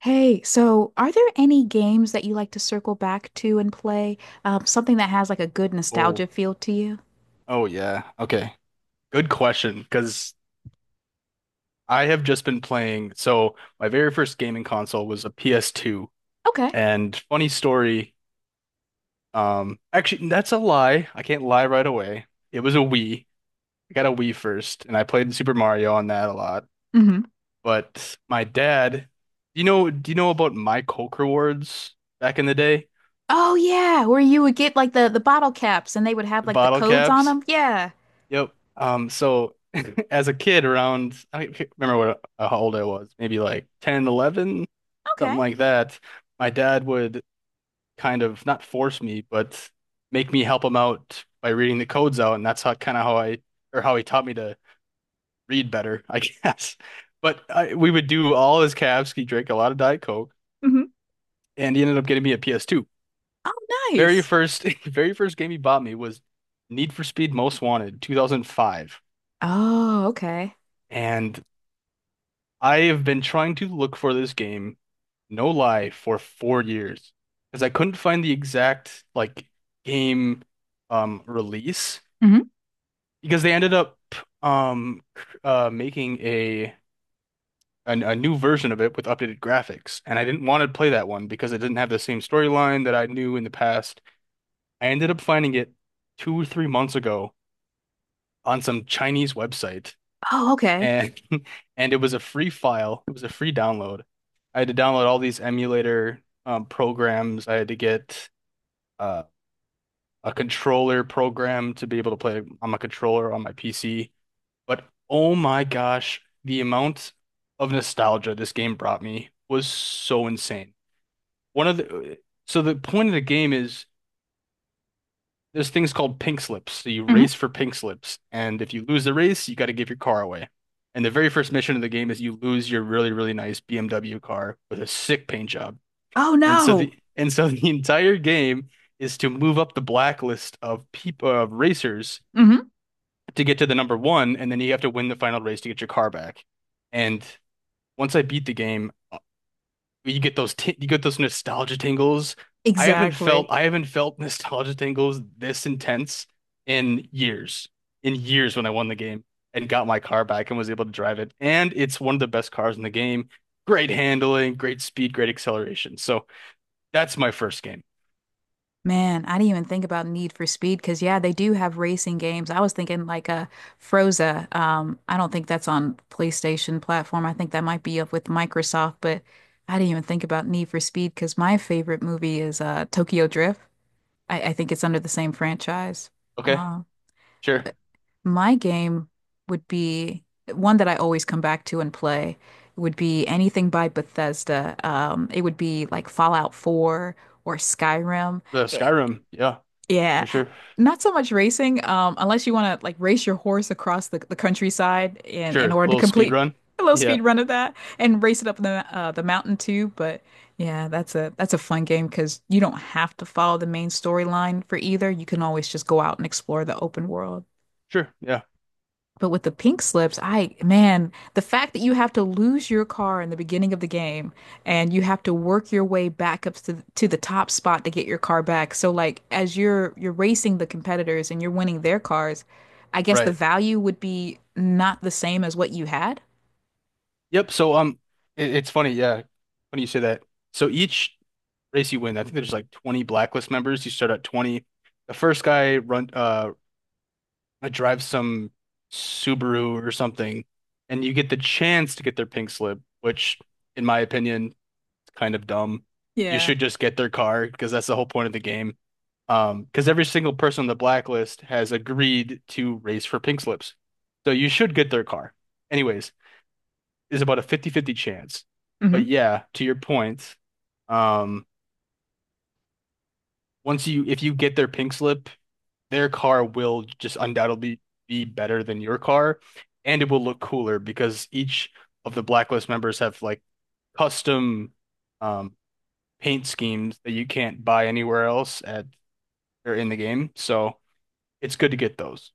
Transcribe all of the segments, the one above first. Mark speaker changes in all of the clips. Speaker 1: Hey, so are there any games that you like to circle back to and play? Something that has like a good
Speaker 2: Oh,
Speaker 1: nostalgia feel to you?
Speaker 2: oh yeah. Okay. Good question, because I have just been playing. So my very first gaming console was a PS2.
Speaker 1: Okay.
Speaker 2: And funny story, actually that's a lie. I can't lie right away. It was a Wii. I got a Wii first, and I played Super Mario on that a lot.
Speaker 1: hmm
Speaker 2: But my dad, do you know about my Coke rewards back in the day?
Speaker 1: Oh yeah, where you would get like the bottle caps and they would have
Speaker 2: The
Speaker 1: like the
Speaker 2: bottle
Speaker 1: codes on
Speaker 2: caps?
Speaker 1: them. Yeah.
Speaker 2: Yep. So as a kid around, I can't remember what how old I was, maybe like 10, 11,
Speaker 1: Okay.
Speaker 2: something like that. My dad would kind of not force me, but make me help him out by reading the codes out, and that's how kind of how I or how he taught me to read better, I guess. But we would do all his calves. He drank a lot of Diet Coke,
Speaker 1: hmm
Speaker 2: and he ended up getting me a PS2.
Speaker 1: Oh,
Speaker 2: Very
Speaker 1: nice.
Speaker 2: first, very first game he bought me was Need for Speed Most Wanted, 2005.
Speaker 1: Oh, okay.
Speaker 2: And I have been trying to look for this game, no lie, for 4 years because I couldn't find the exact like game release
Speaker 1: hmm
Speaker 2: because they ended up making a new version of it with updated graphics, and I didn't want to play that one because it didn't have the same storyline that I knew in the past. I ended up finding it 2 or 3 months ago on some Chinese website
Speaker 1: Oh, okay.
Speaker 2: and and it was a free file. It was a free download. I had to download all these emulator programs. I had to get uh, a controller program to be able to play on my controller on my PC. But oh my gosh, the amount of nostalgia this game brought me was so insane. One of the so the point of the game is, there's things called pink slips. So you
Speaker 1: hmm
Speaker 2: race for pink slips, and if you lose the race, you got to give your car away. And the very first mission of the game is you lose your really, really nice BMW car with a sick paint job.
Speaker 1: Oh
Speaker 2: And so
Speaker 1: no.
Speaker 2: the and so the entire game is to move up the blacklist of racers
Speaker 1: hmm
Speaker 2: to get to the number one, and then you have to win the final race to get your car back. And once I beat the game, you get those nostalgia tingles. I haven't felt
Speaker 1: Exactly.
Speaker 2: I haven't felt nostalgia tingles this intense in years. In years, when I won the game and got my car back and was able to drive it. And it's one of the best cars in the game. Great handling, great speed, great acceleration. So that's my first game.
Speaker 1: Man, I didn't even think about Need for Speed because yeah, they do have racing games. I was thinking like a Froza. I don't think that's on PlayStation platform. I think that might be up with Microsoft, but I didn't even think about Need for Speed because my favorite movie is Tokyo Drift. I think it's under the same franchise.
Speaker 2: Okay,
Speaker 1: Uh,
Speaker 2: sure.
Speaker 1: but my game would be one that I always come back to and play would be anything by Bethesda. It would be like Fallout 4 or Skyrim.
Speaker 2: The
Speaker 1: Eh,
Speaker 2: Skyrim, yeah,
Speaker 1: yeah.
Speaker 2: for sure.
Speaker 1: Not so much racing, unless you want to like race your horse across the countryside in
Speaker 2: Sure.
Speaker 1: order to
Speaker 2: Little speed
Speaker 1: complete
Speaker 2: run.
Speaker 1: a little
Speaker 2: Yeah.
Speaker 1: speed run of that and race it up the mountain too. But yeah, that's a fun game because you don't have to follow the main storyline for either. You can always just go out and explore the open world.
Speaker 2: Sure. Yeah.
Speaker 1: But with the pink slips, I, man, the fact that you have to lose your car in the beginning of the game and you have to work your way back up to the top spot to get your car back. So like as you're racing the competitors and you're winning their cars, I guess the
Speaker 2: Right.
Speaker 1: value would be not the same as what you had.
Speaker 2: Yep. So it's funny, yeah, when you say that. So each race you win. I think there's like 20 blacklist members. You start at 20. The first guy run drives some Subaru or something, and you get the chance to get their pink slip, which in my opinion is kind of dumb. You
Speaker 1: Yeah.
Speaker 2: should just get their car because that's the whole point of the game. Because every single person on the blacklist has agreed to race for pink slips. So you should get their car. Anyways, is about a fifty-fifty chance. But
Speaker 1: hmm
Speaker 2: yeah, to your point, um, once you if you get their pink slip, their car will just undoubtedly be better than your car, and it will look cooler because each of the Blacklist members have like custom um, paint schemes that you can't buy anywhere else at or in the game. So it's good to get those.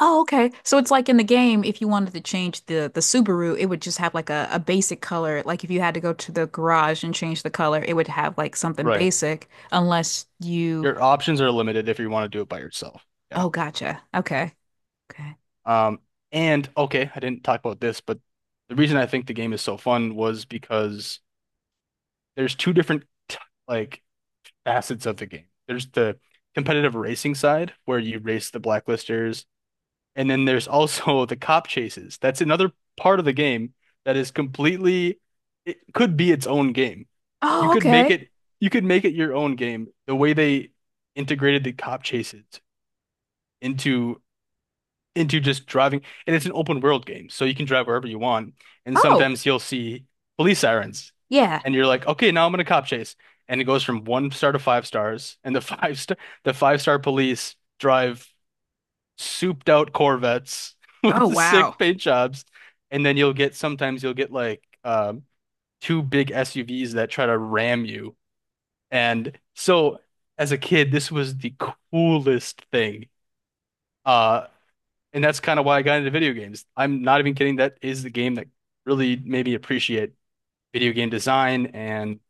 Speaker 1: Oh, okay. So it's like in the game, if you wanted to change the Subaru, it would just have like a basic color. Like if you had to go to the garage and change the color, it would have like something
Speaker 2: Right.
Speaker 1: basic unless you...
Speaker 2: Your options are limited if you want to do it by yourself. Yeah.
Speaker 1: Oh, gotcha. Okay. Okay.
Speaker 2: Um, and okay, I didn't talk about this, but the reason I think the game is so fun was because there's two different t- like facets of the game. There's the competitive racing side where you race the blacklisters, and then there's also the cop chases. That's another part of the game that is completely, it could be its own game. You
Speaker 1: Oh,
Speaker 2: could make
Speaker 1: okay.
Speaker 2: it, you could make it your own game. The way they integrated the cop chases into just driving. And it's an open world game, so you can drive wherever you want. And
Speaker 1: Oh,
Speaker 2: sometimes you'll see police sirens,
Speaker 1: yeah.
Speaker 2: and you're like, okay, now I'm in a cop chase. And it goes from one star to five stars, and the five star police drive souped out Corvettes with
Speaker 1: Oh,
Speaker 2: the sick
Speaker 1: wow.
Speaker 2: paint jobs. And then you'll get sometimes you'll get like two big SUVs that try to ram you. And so as a kid, this was the coolest thing. Uh, and that's kind of why I got into video games. I'm not even kidding. That is the game that really made me appreciate video game design and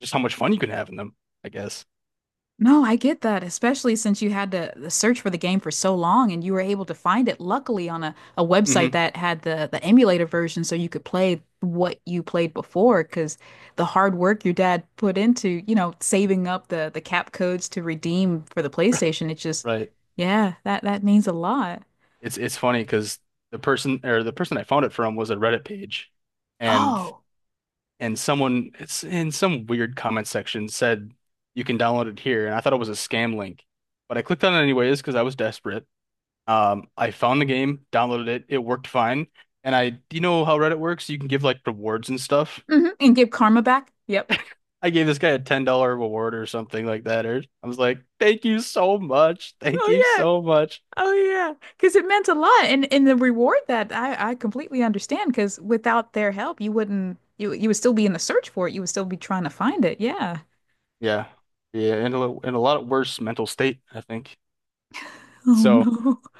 Speaker 2: just how much fun you can have in them, I guess.
Speaker 1: No, I get that, especially since you had to the search for the game for so long and you were able to find it luckily on a website
Speaker 2: Hmm.
Speaker 1: that had the emulator version so you could play what you played before because the hard work your dad put into, saving up the cap codes to redeem for the PlayStation, it just...
Speaker 2: Right.
Speaker 1: yeah, that means a lot.
Speaker 2: It's funny because the person I found it from was a Reddit page, and
Speaker 1: Oh,
Speaker 2: someone, it's in some weird comment section, said you can download it here, and I thought it was a scam link. But I clicked on it anyways because I was desperate. I found the game, downloaded it, it worked fine. And do you know how Reddit works? You can give like rewards and stuff.
Speaker 1: hmm. And give karma back. Yep.
Speaker 2: I gave this guy a $10 reward or something like that. Or I was like, "Thank you so much, thank you
Speaker 1: Oh, yeah.
Speaker 2: so much."
Speaker 1: Oh yeah, because it meant a lot, and the reward that I completely understand. Because without their help, you wouldn't you you would still be in the search for it. You would still be trying to find it. Yeah.
Speaker 2: Yeah, yeah, in a lot worse mental state, I think.
Speaker 1: Oh
Speaker 2: So,
Speaker 1: no.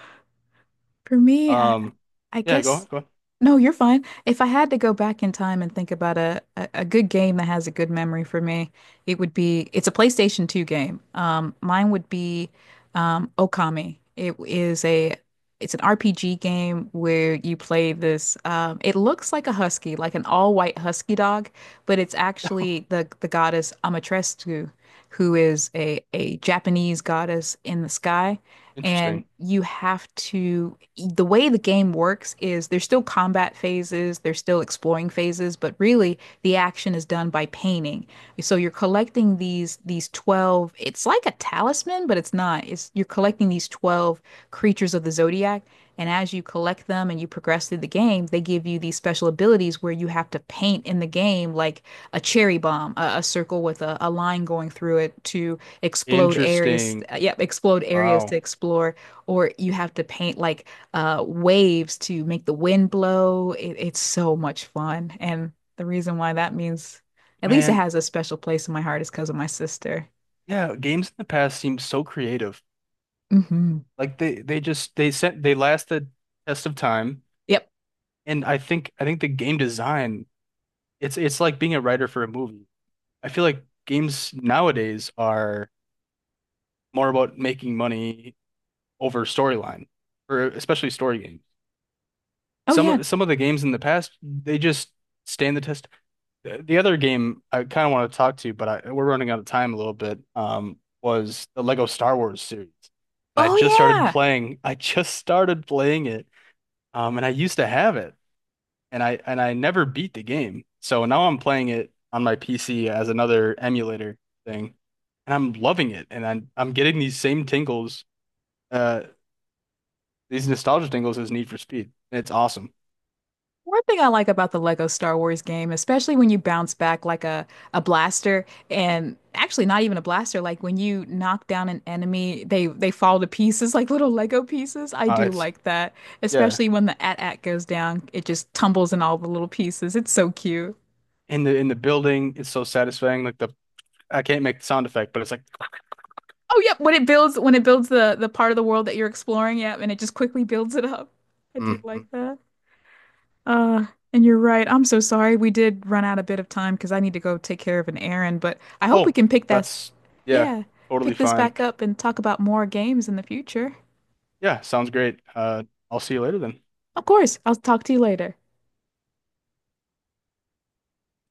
Speaker 1: For me,
Speaker 2: um,
Speaker 1: I
Speaker 2: yeah, go on,
Speaker 1: guess...
Speaker 2: go on.
Speaker 1: no, you're fine. If I had to go back in time and think about a good game that has a good memory for me, it would be it's a PlayStation 2 game. Mine would be Okami. It is a it's an RPG game where you play this. It looks like a husky, like an all-white husky dog, but it's actually the goddess Amaterasu, who is a Japanese goddess in the sky, and
Speaker 2: Interesting,
Speaker 1: you have to, the way the game works is there's still combat phases, there's still exploring phases, but really the action is done by painting. So you're collecting these 12, it's like a talisman, but it's not. It's you're collecting these 12 creatures of the zodiac, and as you collect them and you progress through the game, they give you these special abilities where you have to paint in the game like a cherry bomb, a circle with a line going through it to explode areas
Speaker 2: interesting.
Speaker 1: yep, explode areas to
Speaker 2: Wow,
Speaker 1: explore, or you have to paint like waves to make the wind blow. It, it's so much fun, and the reason why that means, at least it
Speaker 2: man,
Speaker 1: has a special place in my heart, is because of my sister.
Speaker 2: yeah, games in the past seem so creative.
Speaker 1: Hmm
Speaker 2: Like they just they sent they last the test of time,
Speaker 1: Yep.
Speaker 2: and I think the game design, it's like being a writer for a movie. I feel like games nowadays are more about making money over storyline, or especially story games.
Speaker 1: Oh
Speaker 2: Some
Speaker 1: yeah.
Speaker 2: of- some of the games in the past, they just stand the test. The other game I kind of want to talk to, but we're running out of time a little bit, was the Lego Star Wars series. And I
Speaker 1: Oh
Speaker 2: just started
Speaker 1: yeah.
Speaker 2: playing. I just started playing it, and I used to have it, and I never beat the game. So now I'm playing it on my PC as another emulator thing, and I'm loving it. And I'm getting these same tingles uh these nostalgia jingles is Need for Speed. It's awesome.
Speaker 1: One thing I like about the Lego Star Wars game, especially when you bounce back like a blaster, and actually not even a blaster, like when you knock down an enemy, they fall to pieces like little Lego pieces. I
Speaker 2: Uh,
Speaker 1: do
Speaker 2: it's
Speaker 1: like that,
Speaker 2: yeah.
Speaker 1: especially when the AT-AT goes down, it just tumbles in all the little pieces. It's so cute.
Speaker 2: In the building, it's so satisfying. Like the I can't make the sound effect, but it's like,
Speaker 1: Oh, yep, when it builds the part of the world that you're exploring, yeah, and it just quickly builds it up. I do
Speaker 2: mhm.
Speaker 1: like that. Uh, and you're right. I'm so sorry. We did run out a bit of time because I need to go take care of an errand, but I hope we
Speaker 2: Oh,
Speaker 1: can pick that...
Speaker 2: that's yeah,
Speaker 1: Yeah,
Speaker 2: totally
Speaker 1: pick this
Speaker 2: fine.
Speaker 1: back up and talk about more games in the future.
Speaker 2: Yeah, sounds great. I'll see you later then.
Speaker 1: Of course, I'll talk to you later.